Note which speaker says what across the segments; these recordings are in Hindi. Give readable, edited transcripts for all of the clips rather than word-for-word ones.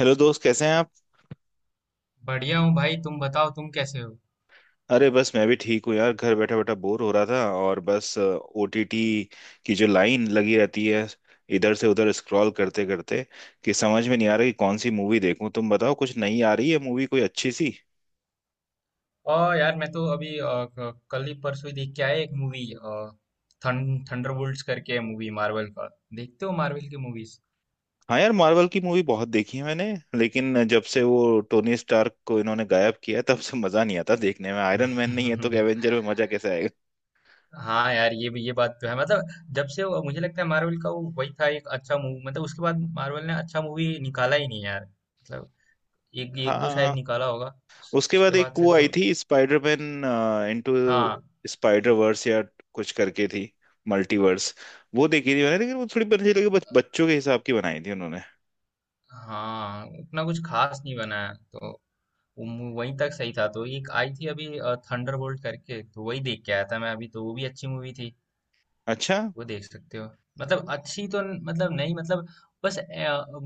Speaker 1: हेलो दोस्त, कैसे हैं आप?
Speaker 2: बढ़िया हूँ भाई। तुम बताओ तुम कैसे हो।
Speaker 1: अरे बस, मैं भी ठीक हूँ यार। घर बैठा बैठा बोर हो रहा था और बस ओटीटी की जो लाइन लगी रहती है, इधर से उधर स्क्रॉल करते करते कि समझ में नहीं आ रहा कि कौन सी मूवी देखूं। तुम बताओ, कुछ नई आ रही है मूवी कोई अच्छी सी?
Speaker 2: और यार मैं तो अभी कल ही परसों ही देख के आया एक मूवी। थंडरबोल्ट्स करके है मूवी मार्वल का। देखते हो मार्वल की मूवीज?
Speaker 1: हाँ यार, मार्वल की मूवी बहुत देखी है मैंने, लेकिन जब से वो टोनी स्टार्क को इन्होंने गायब किया है, तब से मजा नहीं आता देखने में। आयरन मैन नहीं है तो एवेंजर में मजा कैसे आएगा।
Speaker 2: हाँ यार, ये भी ये बात तो है मतलब। जब से मुझे लगता है मार्वल का वो वही था एक अच्छा मूवी। मतलब उसके बाद मार्वल ने अच्छा मूवी निकाला ही नहीं यार मतलब। एक एक दो शायद
Speaker 1: हाँ,
Speaker 2: निकाला होगा।
Speaker 1: उसके
Speaker 2: उसके
Speaker 1: बाद एक
Speaker 2: बाद से
Speaker 1: वो आई
Speaker 2: तो।
Speaker 1: थी स्पाइडरमैन इनटू
Speaker 2: हाँ
Speaker 1: स्पाइडर वर्स या कुछ करके थी, मल्टीवर्स। वो देखी थी मैंने, लेकिन वो थोड़ी मुझे लगी बच्चों के हिसाब की बनाई थी उन्होंने।
Speaker 2: हाँ, उतना कुछ खास नहीं बना है तो। वो वहीं तक सही था तो। एक आई थी अभी थंडरबोल्ट करके, तो वही देख के आया था मैं अभी, तो वो भी अच्छी मूवी थी।
Speaker 1: अच्छा।
Speaker 2: वो देख सकते हो। मतलब अच्छी तो मतलब नहीं मतलब। बस।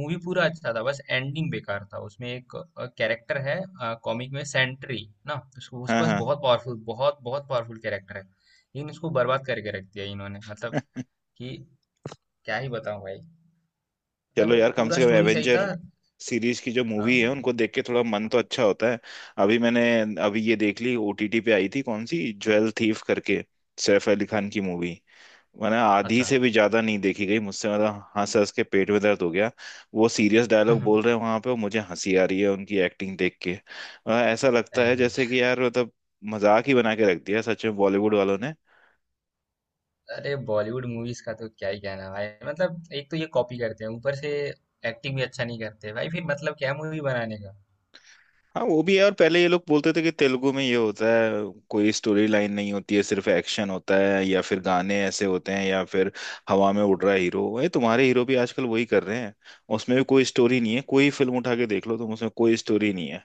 Speaker 2: मूवी पूरा अच्छा था, बस एंडिंग बेकार था। उसमें एक कैरेक्टर है कॉमिक में, सेंट्री ना, उसको
Speaker 1: हाँ
Speaker 2: उसके पास
Speaker 1: हाँ।
Speaker 2: बहुत पावरफुल, बहुत बहुत पावरफुल कैरेक्टर है, लेकिन उसको बर्बाद करके रख दिया इन्होंने मतलब कि, क्या ही बताऊं भाई।
Speaker 1: चलो
Speaker 2: मतलब
Speaker 1: यार, कम
Speaker 2: पूरा
Speaker 1: से कम
Speaker 2: स्टोरी सही था।
Speaker 1: एवेंजर सीरीज की जो
Speaker 2: हाँ।
Speaker 1: मूवी है उनको देख के थोड़ा मन तो अच्छा होता है। अभी मैंने, अभी ये देख ली ओटीटी पे आई थी कौन सी ज्वेल थीफ करके, सैफ अली खान की मूवी। मैंने आधी
Speaker 2: अच्छा।
Speaker 1: से भी ज्यादा नहीं देखी गई मुझसे, मतलब हंस हंस के पेट में दर्द हो गया। वो सीरियस डायलॉग बोल रहे हैं वहां पे और मुझे हंसी आ रही है उनकी एक्टिंग देख के। ऐसा लगता है
Speaker 2: अरे।
Speaker 1: जैसे कि यार मतलब मजाक ही बना के रख दिया सच में बॉलीवुड वालों ने।
Speaker 2: अरे बॉलीवुड मूवीज का तो क्या ही कहना भाई। मतलब एक तो ये कॉपी करते हैं ऊपर से, एक्टिंग भी अच्छा नहीं करते भाई फिर। मतलब क्या मूवी बनाने का।
Speaker 1: हाँ वो भी है, और पहले ये लोग बोलते थे कि तेलुगु में ये होता है, कोई स्टोरी लाइन नहीं होती है, सिर्फ एक्शन होता है या फिर गाने ऐसे होते हैं या फिर हवा में उड़ रहा है हीरो। ये तुम्हारे हीरो भी आजकल वही कर रहे हैं। उसमें भी कोई स्टोरी नहीं है, कोई फिल्म उठा के देख लो तुम, उसमें कोई स्टोरी नहीं है।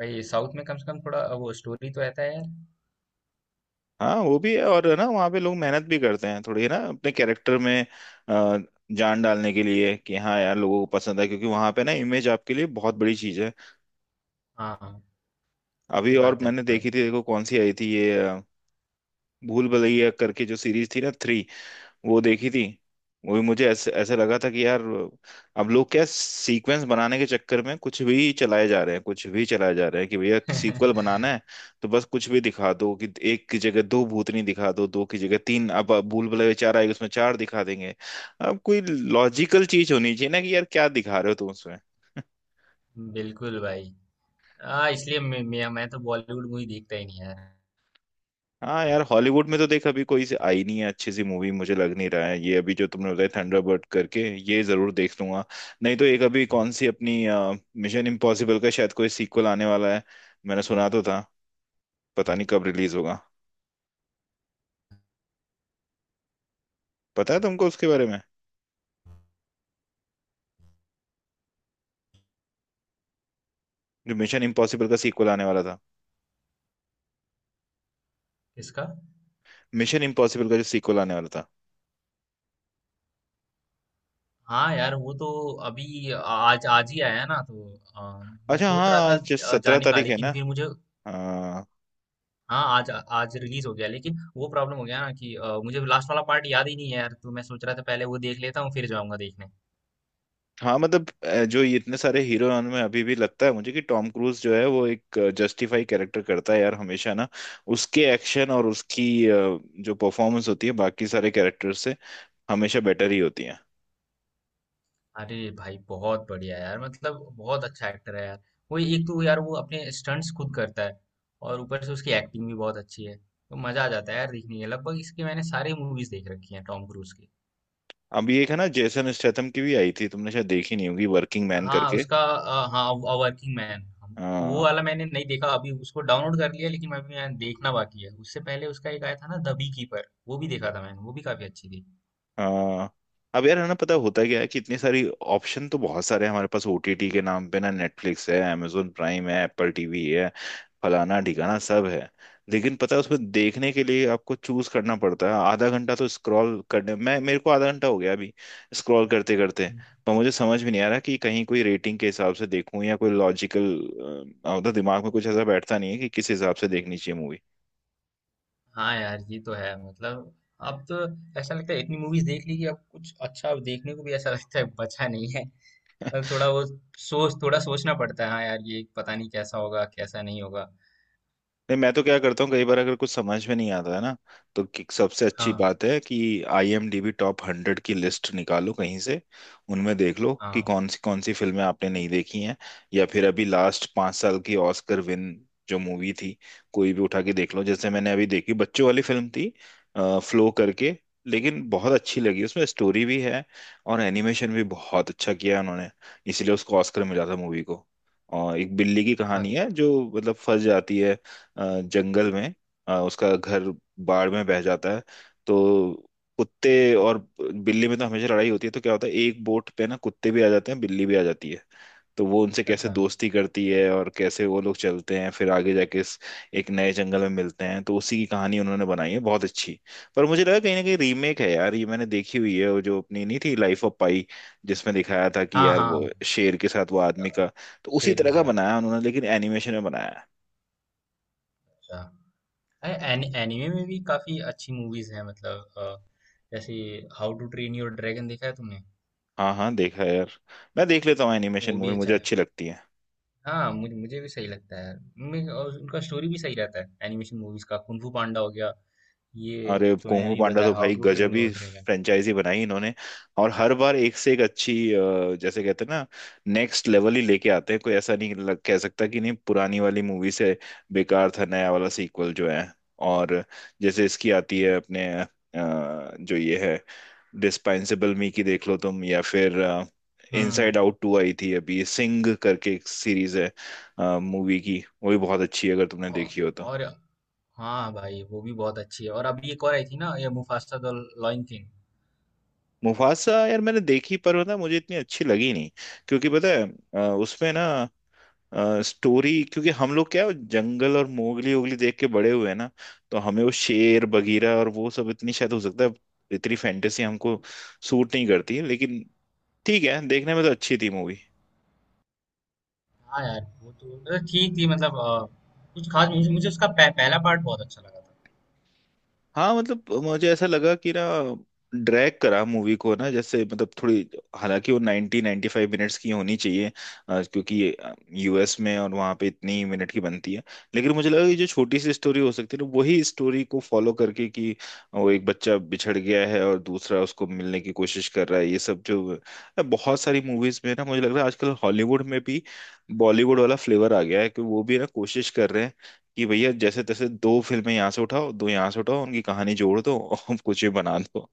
Speaker 2: भाई साउथ में कम से कम थोड़ा वो स्टोरी तो रहता है यार।
Speaker 1: हाँ वो भी है, और है ना वहाँ पे लोग मेहनत भी करते हैं थोड़ी है ना अपने कैरेक्टर में अ, जान डालने के लिए। कि हाँ यार, लोगों को पसंद है क्योंकि वहाँ पे ना इमेज आपके लिए बहुत बड़ी चीज है।
Speaker 2: हाँ हाँ।
Speaker 1: अभी
Speaker 2: सही
Speaker 1: और
Speaker 2: बात है
Speaker 1: मैंने
Speaker 2: भाई।
Speaker 1: देखी थी, देखो कौन सी आई थी ये भूल भुलैया करके जो सीरीज थी ना, थ्री। वो देखी थी। वो भी मुझे ऐसे ऐसे लगा था कि यार अब लोग क्या सीक्वेंस बनाने के चक्कर में कुछ भी चलाए जा रहे हैं, कुछ भी चलाए जा रहे हैं, कि भैया सीक्वल बनाना है तो बस कुछ भी दिखा दो। कि एक की जगह दो भूतनी दिखा दो, दो की जगह तीन, अब भूल भुलैया चार आएगी उसमें चार दिखा देंगे। अब कोई लॉजिकल चीज होनी चाहिए ना, कि यार क्या दिखा रहे हो तुम उसमें।
Speaker 2: बिल्कुल भाई। हाँ, इसलिए मैं तो बॉलीवुड मूवी देखता ही नहीं यार।
Speaker 1: हाँ यार, हॉलीवुड में तो देख अभी कोई से आई नहीं है अच्छी सी मूवी मुझे लग नहीं रहा है। ये अभी जो तुमने बताया थंडरबर्ड करके, ये जरूर देख लूंगा। नहीं तो एक अभी कौन सी अपनी मिशन इम्पॉसिबल का शायद कोई सीक्वल आने वाला है, मैंने सुना तो था। पता नहीं कब रिलीज होगा। पता है तुमको उसके बारे में, जो मिशन इम्पॉसिबल का सीक्वल आने वाला था?
Speaker 2: किसका?
Speaker 1: मिशन इम्पॉसिबल का जो सीक्वल आने वाला था।
Speaker 2: हाँ यार, वो तो अभी आज आज ही आया ना, तो मैं
Speaker 1: अच्छा, हाँ।
Speaker 2: सोच रहा था
Speaker 1: आज 17
Speaker 2: जाने का,
Speaker 1: तारीख है
Speaker 2: लेकिन
Speaker 1: ना।
Speaker 2: फिर मुझे। हाँ, आज आज रिलीज हो गया, लेकिन वो प्रॉब्लम हो गया ना कि मुझे लास्ट वाला पार्ट याद ही नहीं है यार। तो मैं सोच रहा था पहले वो देख लेता हूँ फिर जाऊंगा देखने।
Speaker 1: हाँ मतलब, जो ये इतने सारे हीरो में अभी भी लगता है मुझे, कि टॉम क्रूज जो है वो एक जस्टिफाई कैरेक्टर करता है यार हमेशा ना। उसके एक्शन और उसकी जो परफॉर्मेंस होती है, बाकी सारे कैरेक्टर से हमेशा बेटर ही होती है।
Speaker 2: अरे भाई बहुत बढ़िया यार, मतलब बहुत अच्छा एक्टर है यार। वो एक तो यार वो अपने स्टंट्स खुद करता है, और ऊपर से उसकी एक्टिंग भी बहुत अच्छी है, तो मजा आ जाता है यार देखने में। लगभग इसकी मैंने सारी मूवीज देख रखी हैं टॉम क्रूज की।
Speaker 1: अभी एक है ना जेसन स्टेथम की भी आई थी, तुमने शायद देखी नहीं होगी, वर्किंग मैन
Speaker 2: हाँ,
Speaker 1: करके।
Speaker 2: उसका हाँ। Working man. वो वाला मैंने नहीं देखा, अभी उसको डाउनलोड कर लिया लेकिन अभी मैं देखना बाकी है। उससे पहले उसका एक आया था ना द बी कीपर, वो भी देखा था मैंने, वो भी काफी अच्छी थी।
Speaker 1: हाँ। अब यार है ना, पता होता क्या है, कि इतनी सारी ऑप्शन तो बहुत सारे हैं हमारे पास ओटीटी के नाम पे ना। नेटफ्लिक्स है, amazon प्राइम है, एप्पल tv है, फलाना ढिकाना सब है। लेकिन पता है उसमें देखने के लिए आपको चूज करना पड़ता है। आधा घंटा तो स्क्रॉल करने मैं, मेरे को आधा घंटा हो गया अभी स्क्रॉल करते करते। पर मुझे समझ भी नहीं आ रहा कि कहीं कोई रेटिंग के हिसाब से देखूं या कोई लॉजिकल, मतलब दिमाग में कुछ ऐसा बैठता नहीं है कि किस हिसाब से देखनी चाहिए मूवी।
Speaker 2: हाँ यार, ये तो है मतलब। अब तो ऐसा लगता है इतनी मूवीज देख ली कि अब कुछ अच्छा देखने को भी ऐसा लगता है बचा नहीं है। अब थोड़ा वो सोच थोड़ा सोचना पड़ता है। हाँ यार, ये पता नहीं कैसा होगा कैसा नहीं होगा।
Speaker 1: नहीं, मैं तो क्या करता हूँ, कई बार अगर कुछ समझ में नहीं आता है ना, तो सबसे अच्छी
Speaker 2: हाँ
Speaker 1: बात है कि आईएमडीबी टॉप हंड्रेड की लिस्ट निकालो कहीं से, उनमें देख लो कि
Speaker 2: हाँ।
Speaker 1: कौन सी फिल्में आपने नहीं देखी हैं। या फिर अभी लास्ट 5 साल की ऑस्कर विन जो मूवी थी कोई भी उठा के देख लो। जैसे मैंने अभी देखी, बच्चों वाली फिल्म थी, फ्लो करके। लेकिन बहुत अच्छी लगी, उसमें स्टोरी भी है और एनिमेशन भी बहुत अच्छा किया है उन्होंने, इसीलिए उसको ऑस्कर मिला था मूवी को। और एक बिल्ली की
Speaker 2: हाँ,
Speaker 1: कहानी है जो मतलब फंस जाती है जंगल में। उसका घर बाढ़ में बह जाता है, तो कुत्ते और बिल्ली में तो हमेशा लड़ाई होती है, तो क्या होता है एक बोट पे ना कुत्ते भी आ जाते हैं, बिल्ली भी आ जाती है। तो वो उनसे कैसे
Speaker 2: अच्छा।
Speaker 1: दोस्ती करती है और कैसे वो लोग चलते हैं फिर आगे जाके इस एक नए जंगल में मिलते हैं, तो उसी की कहानी उन्होंने बनाई है बहुत अच्छी। पर मुझे लगा कहीं ना कहीं रीमेक है यार ये, मैंने देखी हुई है वो, जो अपनी नहीं थी लाइफ ऑफ पाई, जिसमें दिखाया था कि
Speaker 2: हाँ
Speaker 1: यार वो
Speaker 2: हाँ।
Speaker 1: शेर के साथ वो आदमी का। तो उसी
Speaker 2: शेर के
Speaker 1: तरह का
Speaker 2: साथ।
Speaker 1: बनाया उन्होंने, लेकिन एनिमेशन में बनाया।
Speaker 2: अच्छा। एनिमे में भी काफी अच्छी मूवीज हैं मतलब जैसे How to Train Your Dragon, देखा है तुमने?
Speaker 1: हाँ हाँ, देखा है यार। मैं देख लेता हूँ एनिमेशन
Speaker 2: वो भी
Speaker 1: मूवी,
Speaker 2: अच्छा
Speaker 1: मुझे
Speaker 2: है।
Speaker 1: अच्छी लगती है।
Speaker 2: हाँ, मुझे मुझे भी सही लगता है। मैं और उनका स्टोरी भी सही रहता है एनिमेशन मूवीज का। कुंफू पांडा हो गया, ये
Speaker 1: अरे
Speaker 2: जो
Speaker 1: कुंग
Speaker 2: मैंने
Speaker 1: फू
Speaker 2: अभी
Speaker 1: पांडा
Speaker 2: बताया
Speaker 1: तो
Speaker 2: हाउ
Speaker 1: भाई,
Speaker 2: टू ट्रेन
Speaker 1: गजब ही
Speaker 2: योर ड्रैगन।
Speaker 1: फ्रेंचाइजी बनाई इन्होंने। और हर बार एक से एक अच्छी, जैसे कहते हैं ना, नेक्स्ट लेवल ही लेके आते हैं। कोई ऐसा नहीं कह सकता कि नहीं पुरानी वाली मूवी से बेकार था नया वाला सीक्वल जो है। और जैसे इसकी आती है अपने जो ये है डिस्पेंसिबल मी की, देख लो तुम। या फिर
Speaker 2: हम्म।
Speaker 1: इनसाइड आउट टू आई थी अभी, सिंग करके एक सीरीज है मूवी की, वो भी बहुत अच्छी है अगर तुमने
Speaker 2: औ-
Speaker 1: देखी हो तो।
Speaker 2: और, हाँ भाई वो भी बहुत अच्छी है। और अभी एक और आई थी ना, ये Mufasa the Lion King.
Speaker 1: Mufasa यार मैंने देखी, पर पता है, मुझे इतनी अच्छी लगी नहीं। क्योंकि पता है उसमें ना स्टोरी, क्योंकि हम लोग क्या है, जंगल और मोगली ओगली देख के बड़े हुए हैं ना, तो हमें वो शेर बगीरा और वो सब, इतनी शायद हो सकता है इतनी फैंटेसी हमको सूट नहीं करती। लेकिन ठीक है, देखने में तो अच्छी थी मूवी।
Speaker 2: हाँ यार वो तो मतलब ठीक थी, मतलब कुछ खास मुझे, उसका पहला पार्ट बहुत अच्छा लगा था।
Speaker 1: हाँ मतलब, मुझे ऐसा लगा कि ना ड्रैग करा मूवी को ना, जैसे मतलब थोड़ी। हालांकि वो 90 95 मिनट्स की होनी चाहिए क्योंकि यूएस में और वहाँ पे इतनी मिनट की बनती है। लेकिन मुझे लगा कि जो छोटी सी स्टोरी हो सकती है ना, वही स्टोरी को फॉलो करके, कि वो एक बच्चा बिछड़ गया है और दूसरा उसको मिलने की कोशिश कर रहा है, ये सब जो बहुत सारी मूवीज में ना, मुझे लग रहा है आजकल हॉलीवुड में भी बॉलीवुड वाला फ्लेवर आ गया है, कि वो भी ना कोशिश कर रहे हैं कि भैया जैसे तैसे दो फिल्में यहाँ से उठाओ, दो यहाँ से उठाओ, उनकी कहानी जोड़ दो और कुछ भी बना दो।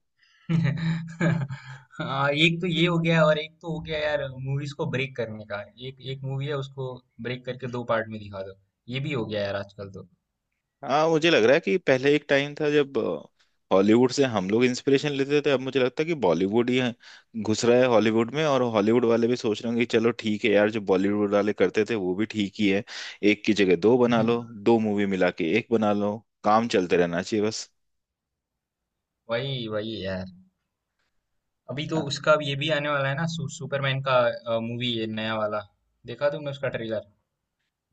Speaker 2: हाँ, एक तो ये हो गया और एक तो हो गया यार मूवीज को ब्रेक करने का। एक एक मूवी है उसको ब्रेक करके दो पार्ट में दिखा दो, ये भी हो गया यार आजकल तो।
Speaker 1: हाँ, मुझे लग रहा है कि पहले एक टाइम था जब हॉलीवुड से हम लोग इंस्पिरेशन लेते थे, अब मुझे लगता है कि बॉलीवुड ही है- घुस रहा है हॉलीवुड में। और हॉलीवुड वाले भी सोच रहे होंगे कि चलो ठीक है यार, जो बॉलीवुड वाले करते थे वो भी ठीक ही है, एक की जगह दो बना लो, दो मूवी मिला के एक बना लो, काम चलते रहना चाहिए बस।
Speaker 2: वही वही यार। अभी तो उसका ये भी आने वाला है ना, सुपरमैन का मूवी है नया वाला। देखा तुमने उसका ट्रेलर?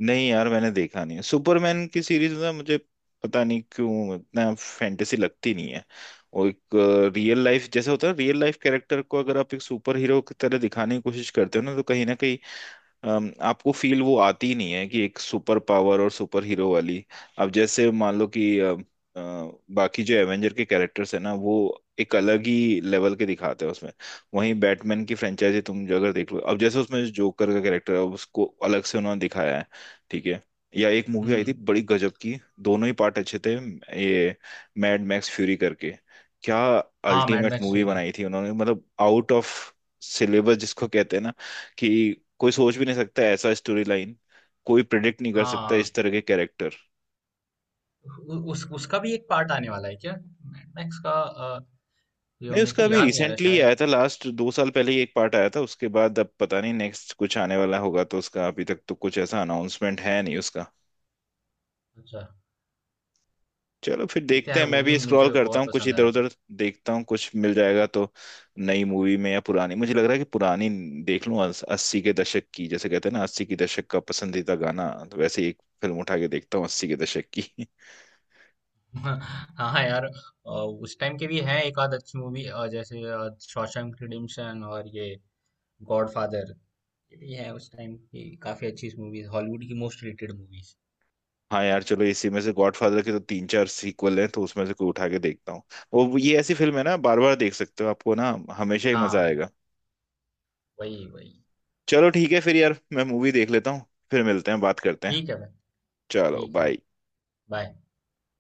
Speaker 1: नहीं यार, मैंने देखा नहीं है सुपरमैन की सीरीज ना मुझे, पता नहीं क्यों इतना फैंटेसी लगती नहीं है। और एक रियल लाइफ जैसे होता है, रियल लाइफ कैरेक्टर को अगर आप एक सुपर हीरो की तरह दिखाने की कोशिश करते हो ना, तो कहीं ना कहीं आपको फील वो आती नहीं है कि एक सुपर पावर और सुपर हीरो वाली। अब जैसे मान लो कि बाकी जो एवेंजर के कैरेक्टर्स है ना वो एक अलग ही लेवल के दिखाते हैं उसमें। वहीं बैटमैन की फ्रेंचाइजी तुम जो अगर देख लो, अब जैसे उसमें जो जोकर का कैरेक्टर है, उसको अलग से उन्होंने दिखाया है। ठीक है। या एक मूवी आई थी
Speaker 2: हम्म।
Speaker 1: बड़ी गजब की, दोनों ही पार्ट अच्छे थे, ये मैड मैक्स फ्यूरी करके। क्या
Speaker 2: हाँ, Mad
Speaker 1: Ultimate
Speaker 2: Max
Speaker 1: movie
Speaker 2: Fury.
Speaker 1: बनाई थी उन्होंने, मतलब आउट ऑफ सिलेबस जिसको कहते हैं ना, कि कोई सोच भी नहीं सकता ऐसा स्टोरी लाइन, कोई प्रिडिक्ट नहीं कर सकता
Speaker 2: हाँ,
Speaker 1: इस तरह के कैरेक्टर।
Speaker 2: उस उसका भी एक पार्ट आने वाला है क्या मैड मैक्स का? ये
Speaker 1: नहीं
Speaker 2: मेरे
Speaker 1: उसका
Speaker 2: को
Speaker 1: अभी
Speaker 2: याद नहीं आ रहा
Speaker 1: रिसेंटली
Speaker 2: शायद।
Speaker 1: आया था, लास्ट 2 साल पहले ही एक पार्ट आया था उसके बाद। अब पता नहीं नेक्स्ट कुछ आने वाला होगा तो उसका, अभी तक तो कुछ ऐसा अनाउंसमेंट है नहीं उसका।
Speaker 2: अच्छा।
Speaker 1: चलो फिर
Speaker 2: देखते हैं
Speaker 1: देखते हैं,
Speaker 2: यार, वो
Speaker 1: मैं
Speaker 2: भी
Speaker 1: भी स्क्रॉल
Speaker 2: मुझे
Speaker 1: करता
Speaker 2: बहुत
Speaker 1: हूँ कुछ
Speaker 2: पसंद
Speaker 1: इधर
Speaker 2: आया था।
Speaker 1: उधर, देखता हूँ कुछ मिल जाएगा तो। नई मूवी में या पुरानी, मुझे लग रहा है कि पुरानी देख लूँ 80 के दशक की। जैसे कहते हैं ना 80 के दशक का पसंदीदा गाना, तो वैसे ही एक फिल्म उठा के देखता हूँ 80 के दशक की।
Speaker 2: हाँ हाँ यार, उस टाइम के भी है एक आध अच्छी मूवी जैसे शॉशैंक रिडेम्पशन, और ये गॉडफादर, ये भी है उस टाइम की, काफी अच्छी मूवीज हॉलीवुड की, मोस्ट रेटेड मूवीज।
Speaker 1: हाँ यार चलो, इसी में से गॉडफादर के तो 3 4 सीक्वल हैं तो उसमें से कोई उठा के देखता हूँ। वो ये ऐसी फिल्म है ना, बार बार देख सकते हो, आपको ना हमेशा ही मजा
Speaker 2: हाँ।
Speaker 1: आएगा।
Speaker 2: वही वही।
Speaker 1: चलो ठीक है फिर यार, मैं मूवी देख लेता हूँ। फिर मिलते हैं, बात करते हैं।
Speaker 2: ठीक है भाई।
Speaker 1: चलो
Speaker 2: ठीक है।
Speaker 1: बाय।
Speaker 2: बाय।